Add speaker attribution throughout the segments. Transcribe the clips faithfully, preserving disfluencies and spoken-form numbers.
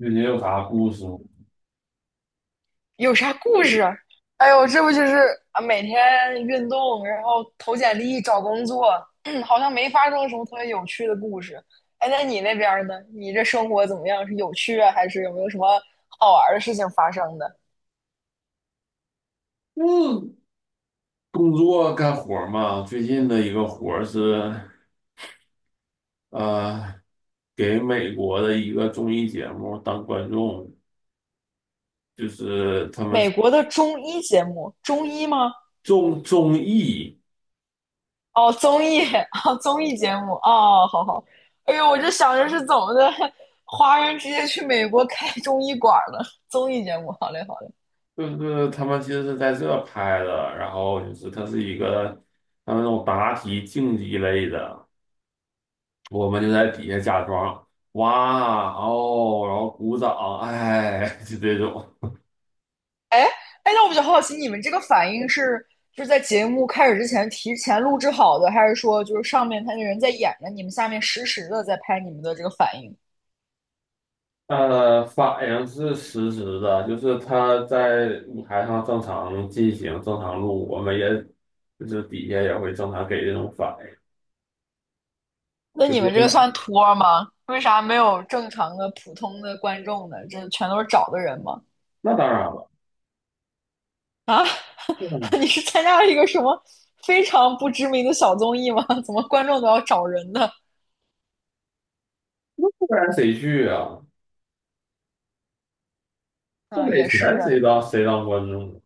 Speaker 1: 最近有啥故事吗？
Speaker 2: 有啥故事？哎呦，这不就是啊，每天运动，然后投简历、找工作，好像没发生什么特别有趣的故事。哎，那你那边儿呢？你这生活怎么样？是有趣啊，还是有没有什么好玩儿的事情发生的？
Speaker 1: 嗯，工作干活儿嘛，最近的一个活儿是，呃，给美国的一个综艺节目当观众，就是他们
Speaker 2: 美国的中医节目，中医吗？
Speaker 1: 综综艺，
Speaker 2: 哦，综艺，哦，综艺节目，哦，好好。哎呦，我就想着是怎么的，华人直接去美国开中医馆儿了，综艺节目，好嘞，好嘞。
Speaker 1: 就是他们其实是在这拍的，然后就是它是一个他们那种答题竞技类的，我们就在底下假装哇哦，然后鼓掌，哎，就这种。
Speaker 2: 哎哎，那我比较好奇，你们这个反应是就是在节目开始之前提前录制好的，还是说就是上面他那人在演着，你们下面实时的在拍你们的这个反应？
Speaker 1: 呃，反应是实时的，就是他在舞台上正常进行、正常录，我们也就是底下也会正常给这种反应，
Speaker 2: 那
Speaker 1: 就
Speaker 2: 你
Speaker 1: 别
Speaker 2: 们这
Speaker 1: 说
Speaker 2: 个
Speaker 1: 了，
Speaker 2: 算托吗？为啥没有正常的普通的观众呢？这全都是找的人吗？
Speaker 1: 那当然了，
Speaker 2: 啊，
Speaker 1: 那当然
Speaker 2: 你是参加了一个什么非常不知名的小综艺吗？怎么观众都要找人呢？
Speaker 1: 不然谁去啊？不
Speaker 2: 啊，
Speaker 1: 给
Speaker 2: 也是
Speaker 1: 钱
Speaker 2: 啊，
Speaker 1: 谁当谁当观众？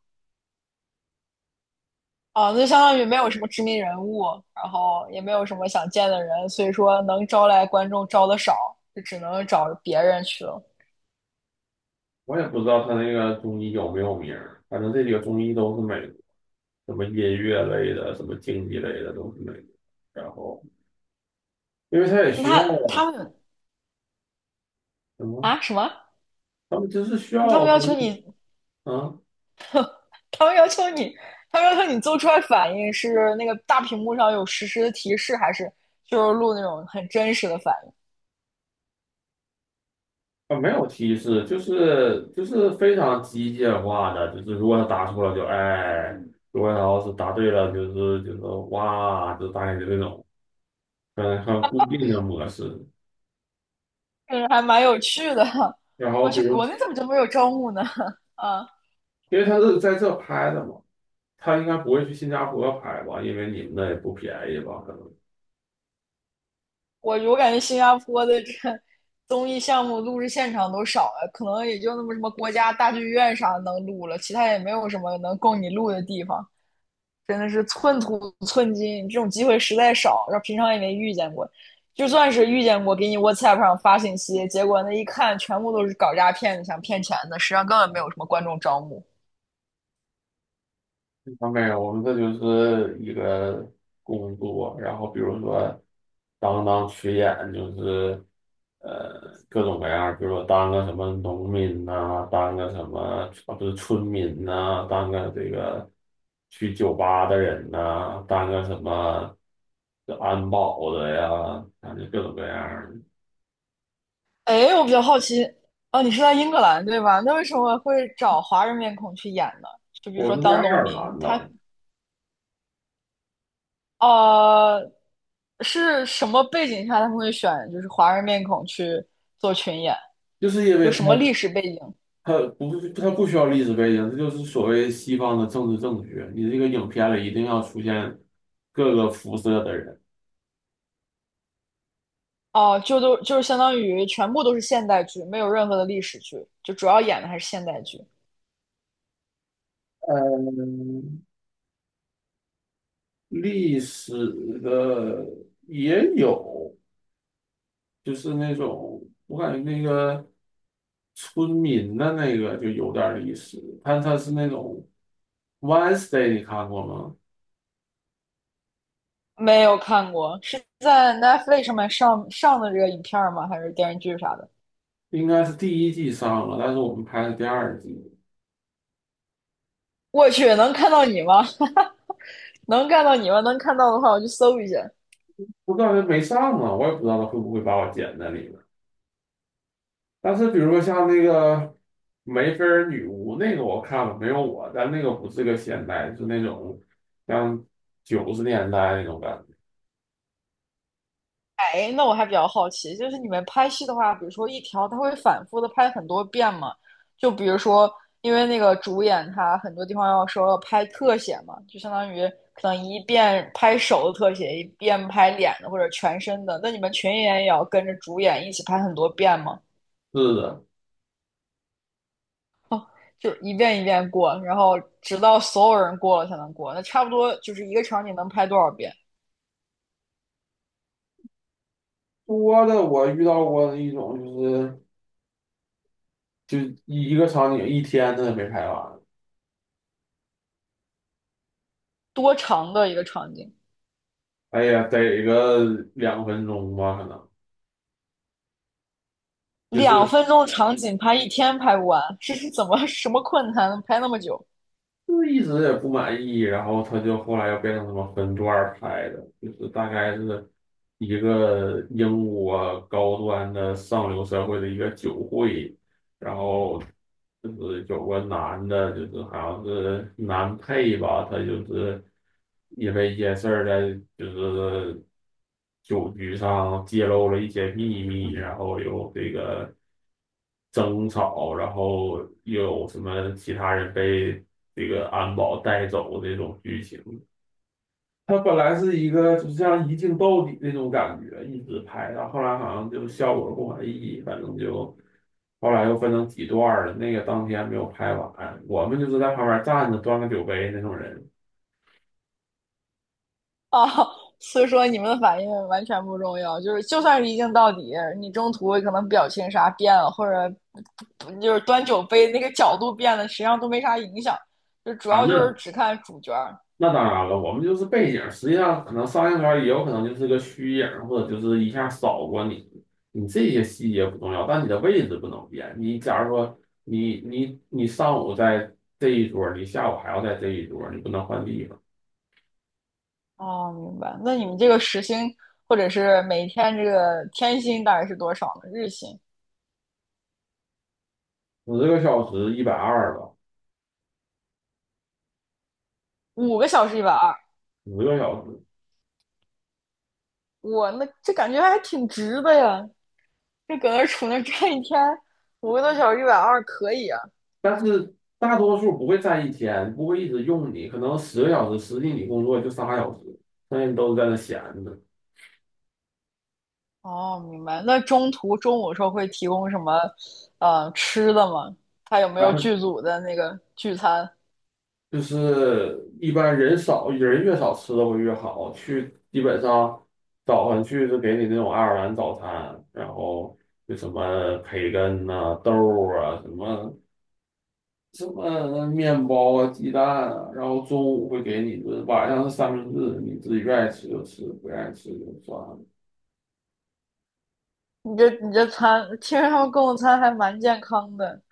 Speaker 2: 啊，那就相当于没有什么知名人物，然后也没有什么想见的人，所以说能招来观众招的少，就只能找别人去了。
Speaker 1: 我也不知道他那个综艺有没有名儿，反正这几个综艺都是美国什么音乐类的、什么竞技类的都是美国。然后，因为他也需要
Speaker 2: 那他他们
Speaker 1: 什么，
Speaker 2: 啊什么？
Speaker 1: 他们就是需
Speaker 2: 那他
Speaker 1: 要
Speaker 2: 们要
Speaker 1: 观
Speaker 2: 求
Speaker 1: 众
Speaker 2: 你，
Speaker 1: 啊。
Speaker 2: 他们要求你，他们要求你做出来反应是那个大屏幕上有实时的提示，还是就是录那种很真实的反应？
Speaker 1: 啊，没有提示，就是就是非常机械化的，就是如果他答错了就哎，如果他要是答对了就是就是哇，就大概就这种，嗯，很固定的模式。
Speaker 2: 嗯，还蛮有趣的。
Speaker 1: 然
Speaker 2: 我
Speaker 1: 后比
Speaker 2: 去，国
Speaker 1: 如
Speaker 2: 内怎么就没有招募呢？啊。
Speaker 1: 因为他是在这拍的嘛，他应该不会去新加坡拍吧，因为你们那也不便宜吧，可能。
Speaker 2: 我我感觉新加坡的这个综艺项目录制现场都少了，可能也就那么什么国家大剧院啥能录了，其他也没有什么能供你录的地方，真的是寸土寸金，这种机会实在少，然后平常也没遇见过，就算是遇见过，给你 WhatsApp 上发信息，结果那一看全部都是搞诈骗的，想骗钱的，实际上根本没有什么观众招募。
Speaker 1: 啊，没有，我们这就是一个工作，然后比如说当当群演，就是呃各种各样儿比如说当个什么农民呐、当个什么啊不是村民呐、当个这个去酒吧的人呐、当个什么这安保的呀，反正各种各样儿的。
Speaker 2: 哎，我比较好奇，哦，你是在英格兰对吧？那为什么会找华人面孔去演呢？就比如
Speaker 1: 我
Speaker 2: 说
Speaker 1: 是在
Speaker 2: 当
Speaker 1: 爱
Speaker 2: 农
Speaker 1: 尔
Speaker 2: 民，
Speaker 1: 兰
Speaker 2: 他
Speaker 1: 呢，
Speaker 2: 呃，是什么背景下他们会选就是华人面孔去做群演？
Speaker 1: 就是因
Speaker 2: 就
Speaker 1: 为
Speaker 2: 什么历
Speaker 1: 他。
Speaker 2: 史背景？
Speaker 1: 它不，它不需要历史背景，这就是所谓西方的政治正确。你这个影片里一定要出现各个肤色的人，
Speaker 2: 哦、就都就是相当于全部都是现代剧，没有任何的历史剧，就主要演的还是现代剧。
Speaker 1: 历史的也有，就是那种我感觉那个村民的那个就有点历史，但它是那种 Wednesday,你看过吗？
Speaker 2: 没有看过，是在 Netflix 上面上上的这个影片儿吗？还是电视剧啥的？
Speaker 1: 应该是第一季上了，但是我们拍的第二季，
Speaker 2: 我去，能看到你吗？能看到你吗？能看到的话，我去搜一下。
Speaker 1: 我感觉没上啊，我也不知道他会不会把我剪在里面。但是比如说像那个梅菲尔女巫那个我看了没有我，但那个不是个现代，是那种像九十年代那种感觉。
Speaker 2: 哎，那我还比较好奇，就是你们拍戏的话，比如说一条，它会反复的拍很多遍吗？就比如说，因为那个主演他很多地方要说要拍特写嘛，就相当于可能一遍拍手的特写，一遍拍脸的或者全身的。那你们群演也要跟着主演一起拍很多遍吗？
Speaker 1: 是的，
Speaker 2: 就一遍一遍过，然后直到所有人过了才能过。那差不多就是一个场景能拍多少遍？
Speaker 1: 多的我遇到过的一种就是就一个场景一天他都没拍完，
Speaker 2: 多长的一个场景？
Speaker 1: 哎呀，得个两分钟吧，可能就
Speaker 2: 两
Speaker 1: 是
Speaker 2: 分钟场景拍一天拍不完，这是怎么什么困难能拍那么久
Speaker 1: 就是一直也不满意，然后他就后来又变成什么分段儿拍的，就是大概是一个英国高端的上流社会的一个酒会，然后就是有个男的，就是好像是男配吧，他就是因为一件事儿在就是酒局上揭露了一些秘密，然后有这个争吵，然后又有什么其他人被这个安保带走这种剧情。他本来是一个就是像一镜到底那种感觉，一直拍，然后后来好像就效果不满意，反正就后来又分成几段了。那个当天没有拍完，我们就是在旁边站着端个酒杯那种人
Speaker 2: 啊？所以说你们的反应完全不重要，就是就算是一镜到底，你中途可能表情啥变了，或者就是端酒杯那个角度变了，实际上都没啥影响，就主
Speaker 1: 啊。
Speaker 2: 要就是
Speaker 1: 那
Speaker 2: 只看主角儿。
Speaker 1: 那当然了，我们就是背景，实际上可能上映圈也有可能就是个虚影，或者就是一下扫过你。你这些细节不重要，但你的位置不能变。你假如说你你你上午在这一桌，你下午还要在这一桌，你不能换地方。
Speaker 2: 哦，明白。那你们这个时薪或者是每天这个天薪大概是多少呢？日薪
Speaker 1: 十个小时一百二吧，
Speaker 2: 五个小时一百二，
Speaker 1: 十个小时。
Speaker 2: 我那这感觉还挺值的呀。就搁那杵那站一天，五个多小时一百二可以啊。
Speaker 1: 但是大多数不会占一天，不会一直用你，可能十个小时，实际你工作就仨小时，剩下你都是在那闲着。
Speaker 2: 哦，明白。那中途中午的时候会提供什么，呃，吃的吗？他有没有剧组的那个聚餐？
Speaker 1: 就是一般人少，人越少吃的会越好。去基本上早上去就给你那种爱尔兰早餐，然后就什么培根呐、啊豆啊、什么什么面包啊、鸡蛋啊，然后中午会给你一顿，晚上是三明治，你自己愿意吃就吃，不愿意吃就算了。
Speaker 2: 你这你这餐，听说他们供的餐还蛮健康的，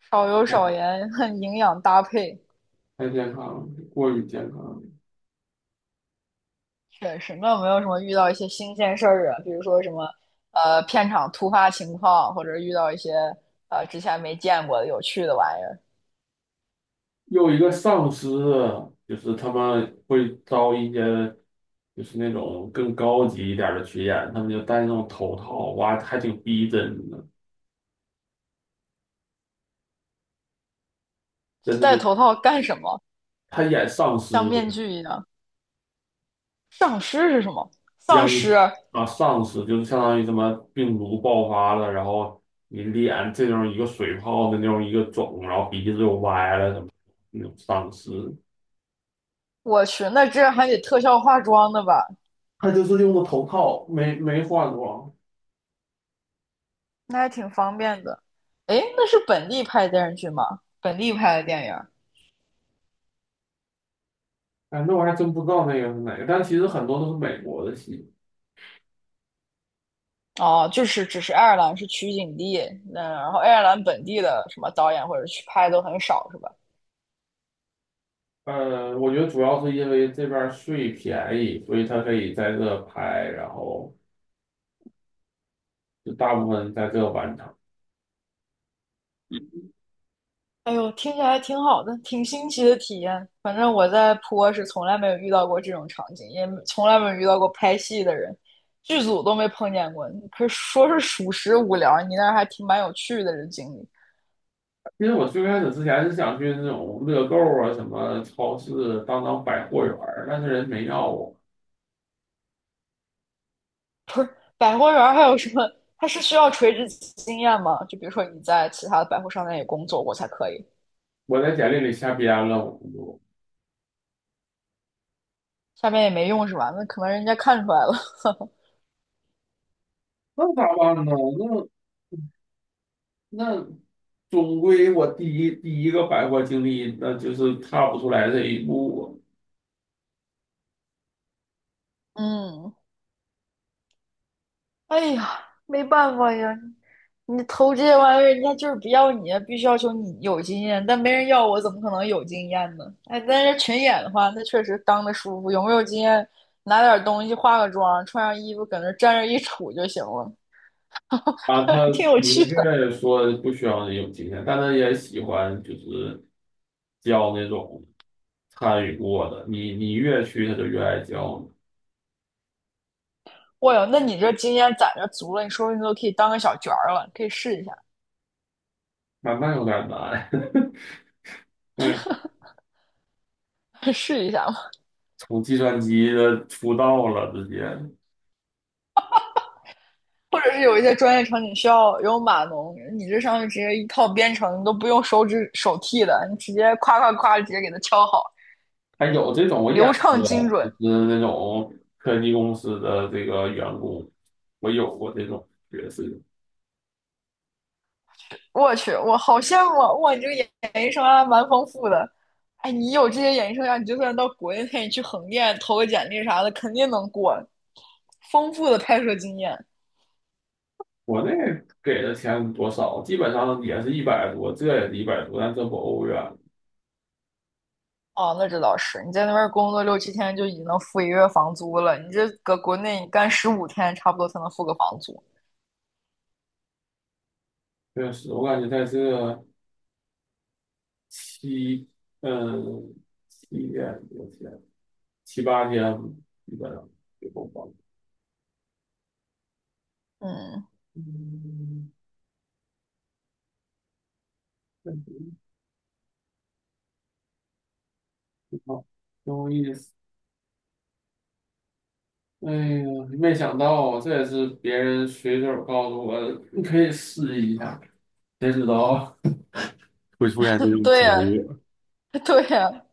Speaker 2: 少油少
Speaker 1: 太
Speaker 2: 盐，营养搭配。
Speaker 1: 太健康了，过于健康了。
Speaker 2: 确实，那有没有什么遇到一些新鲜事儿啊？比如说什么，呃，片场突发情况，或者遇到一些呃之前没见过的有趣的玩意儿？
Speaker 1: 又一个丧尸啊就是他们会招一些，就是那种更高级一点儿的群演，他们就戴那种头套，哇，还挺逼真的，
Speaker 2: 是
Speaker 1: 真的
Speaker 2: 戴
Speaker 1: 就
Speaker 2: 头套干什么？
Speaker 1: 他演丧尸，
Speaker 2: 像面具一样。丧尸是什么？丧
Speaker 1: 殃
Speaker 2: 尸，
Speaker 1: 啊丧尸就是相当于什么病毒爆发了，然后你脸这种一个水泡的那种一个肿，然后鼻子又歪了什么那种丧尸，
Speaker 2: 我去，那这还得特效化妆的吧？
Speaker 1: 他就是用的头套，没没换装。
Speaker 2: 那还挺方便的。诶，那是本地拍的电视剧吗？本地拍的电影？
Speaker 1: 哎，那我还真不知道那个是哪个，但其实很多都是美国的戏。
Speaker 2: 哦，就是只是爱尔兰是取景地，那然后爱尔兰本地的什么导演或者去拍都很少，是吧？
Speaker 1: 呃，我觉得主要是因为这边儿税便宜，所以他可以在这拍，然后就大部分在这完成。
Speaker 2: 哎呦，听起来挺好的，挺新奇的体验。反正我在坡是从来没有遇到过这种场景，也从来没有遇到过拍戏的人，剧组都没碰见过。可是说是属实无聊，你那儿还挺蛮有趣的这经历。
Speaker 1: 其实我最开始之前是想去那种乐购啊、什么超市、当当百货员儿，但是人没要我，
Speaker 2: 不是百货员还有什么？它是需要垂直经验吗？就比如说你在其他的百货商店也工作过才可以，
Speaker 1: 我在简历里瞎编了，我就
Speaker 2: 下面也没用是吧？那可能人家看出来了。
Speaker 1: 那咋办呢？那那总归我第一第一个百货经历，那就是踏不出来这一步
Speaker 2: 嗯，哎呀，没办法呀，你投这些玩意儿，人家就是不要你啊，必须要求你有经验，但没人要我，怎么可能有经验呢？哎，但是群演的话，那确实当的舒服，有没有经验，拿点东西，化个妆，穿上衣服，搁那站着一杵就行了，
Speaker 1: 啊。啊他
Speaker 2: 挺有
Speaker 1: 明
Speaker 2: 趣的。
Speaker 1: 确说不需要人有经验，但他也喜欢就是教那种参与过的，你你越去他就越爱教你，
Speaker 2: 哇哟，那你这经验攒着足了，你说不定都可以当个小角儿了，可以试一下，
Speaker 1: 慢慢有点难。那
Speaker 2: 试一下嘛。
Speaker 1: 从计算机的出道了，直接
Speaker 2: 或者是有一些专业场景需要有码农，你这上面直接一套编程，你都不用手指手替的，你直接夸夸夸直接给它敲好，
Speaker 1: 还有这种我演
Speaker 2: 流畅精
Speaker 1: 过，就
Speaker 2: 准。
Speaker 1: 是那种科技公司的这个员工，我有过这种角色。
Speaker 2: 我去，我好羡慕啊哇，你这个演艺生涯蛮丰富的。哎，你有这些演艺生涯，你就算到国内，你去横店投个简历啥的，肯定能过。丰富的拍摄经验，
Speaker 1: 国内给的钱多少，基本上也是一百多，这也是一百多，但这不欧元。
Speaker 2: 哦，那这倒是，你在那边工作六七天就已经能付一个月房租了，你这搁国内你干十五天差不多才能付个房租。
Speaker 1: 确实，我感觉在这七嗯七天多天七八天，基本上就够花了。
Speaker 2: 嗯，
Speaker 1: 嗯，挺好，挺有意思。哎呀，没想到啊，这也是别人随手告诉我的，你可以试一下，谁知道会出现这种
Speaker 2: 对
Speaker 1: 结
Speaker 2: 呀，
Speaker 1: 果。
Speaker 2: 对呀，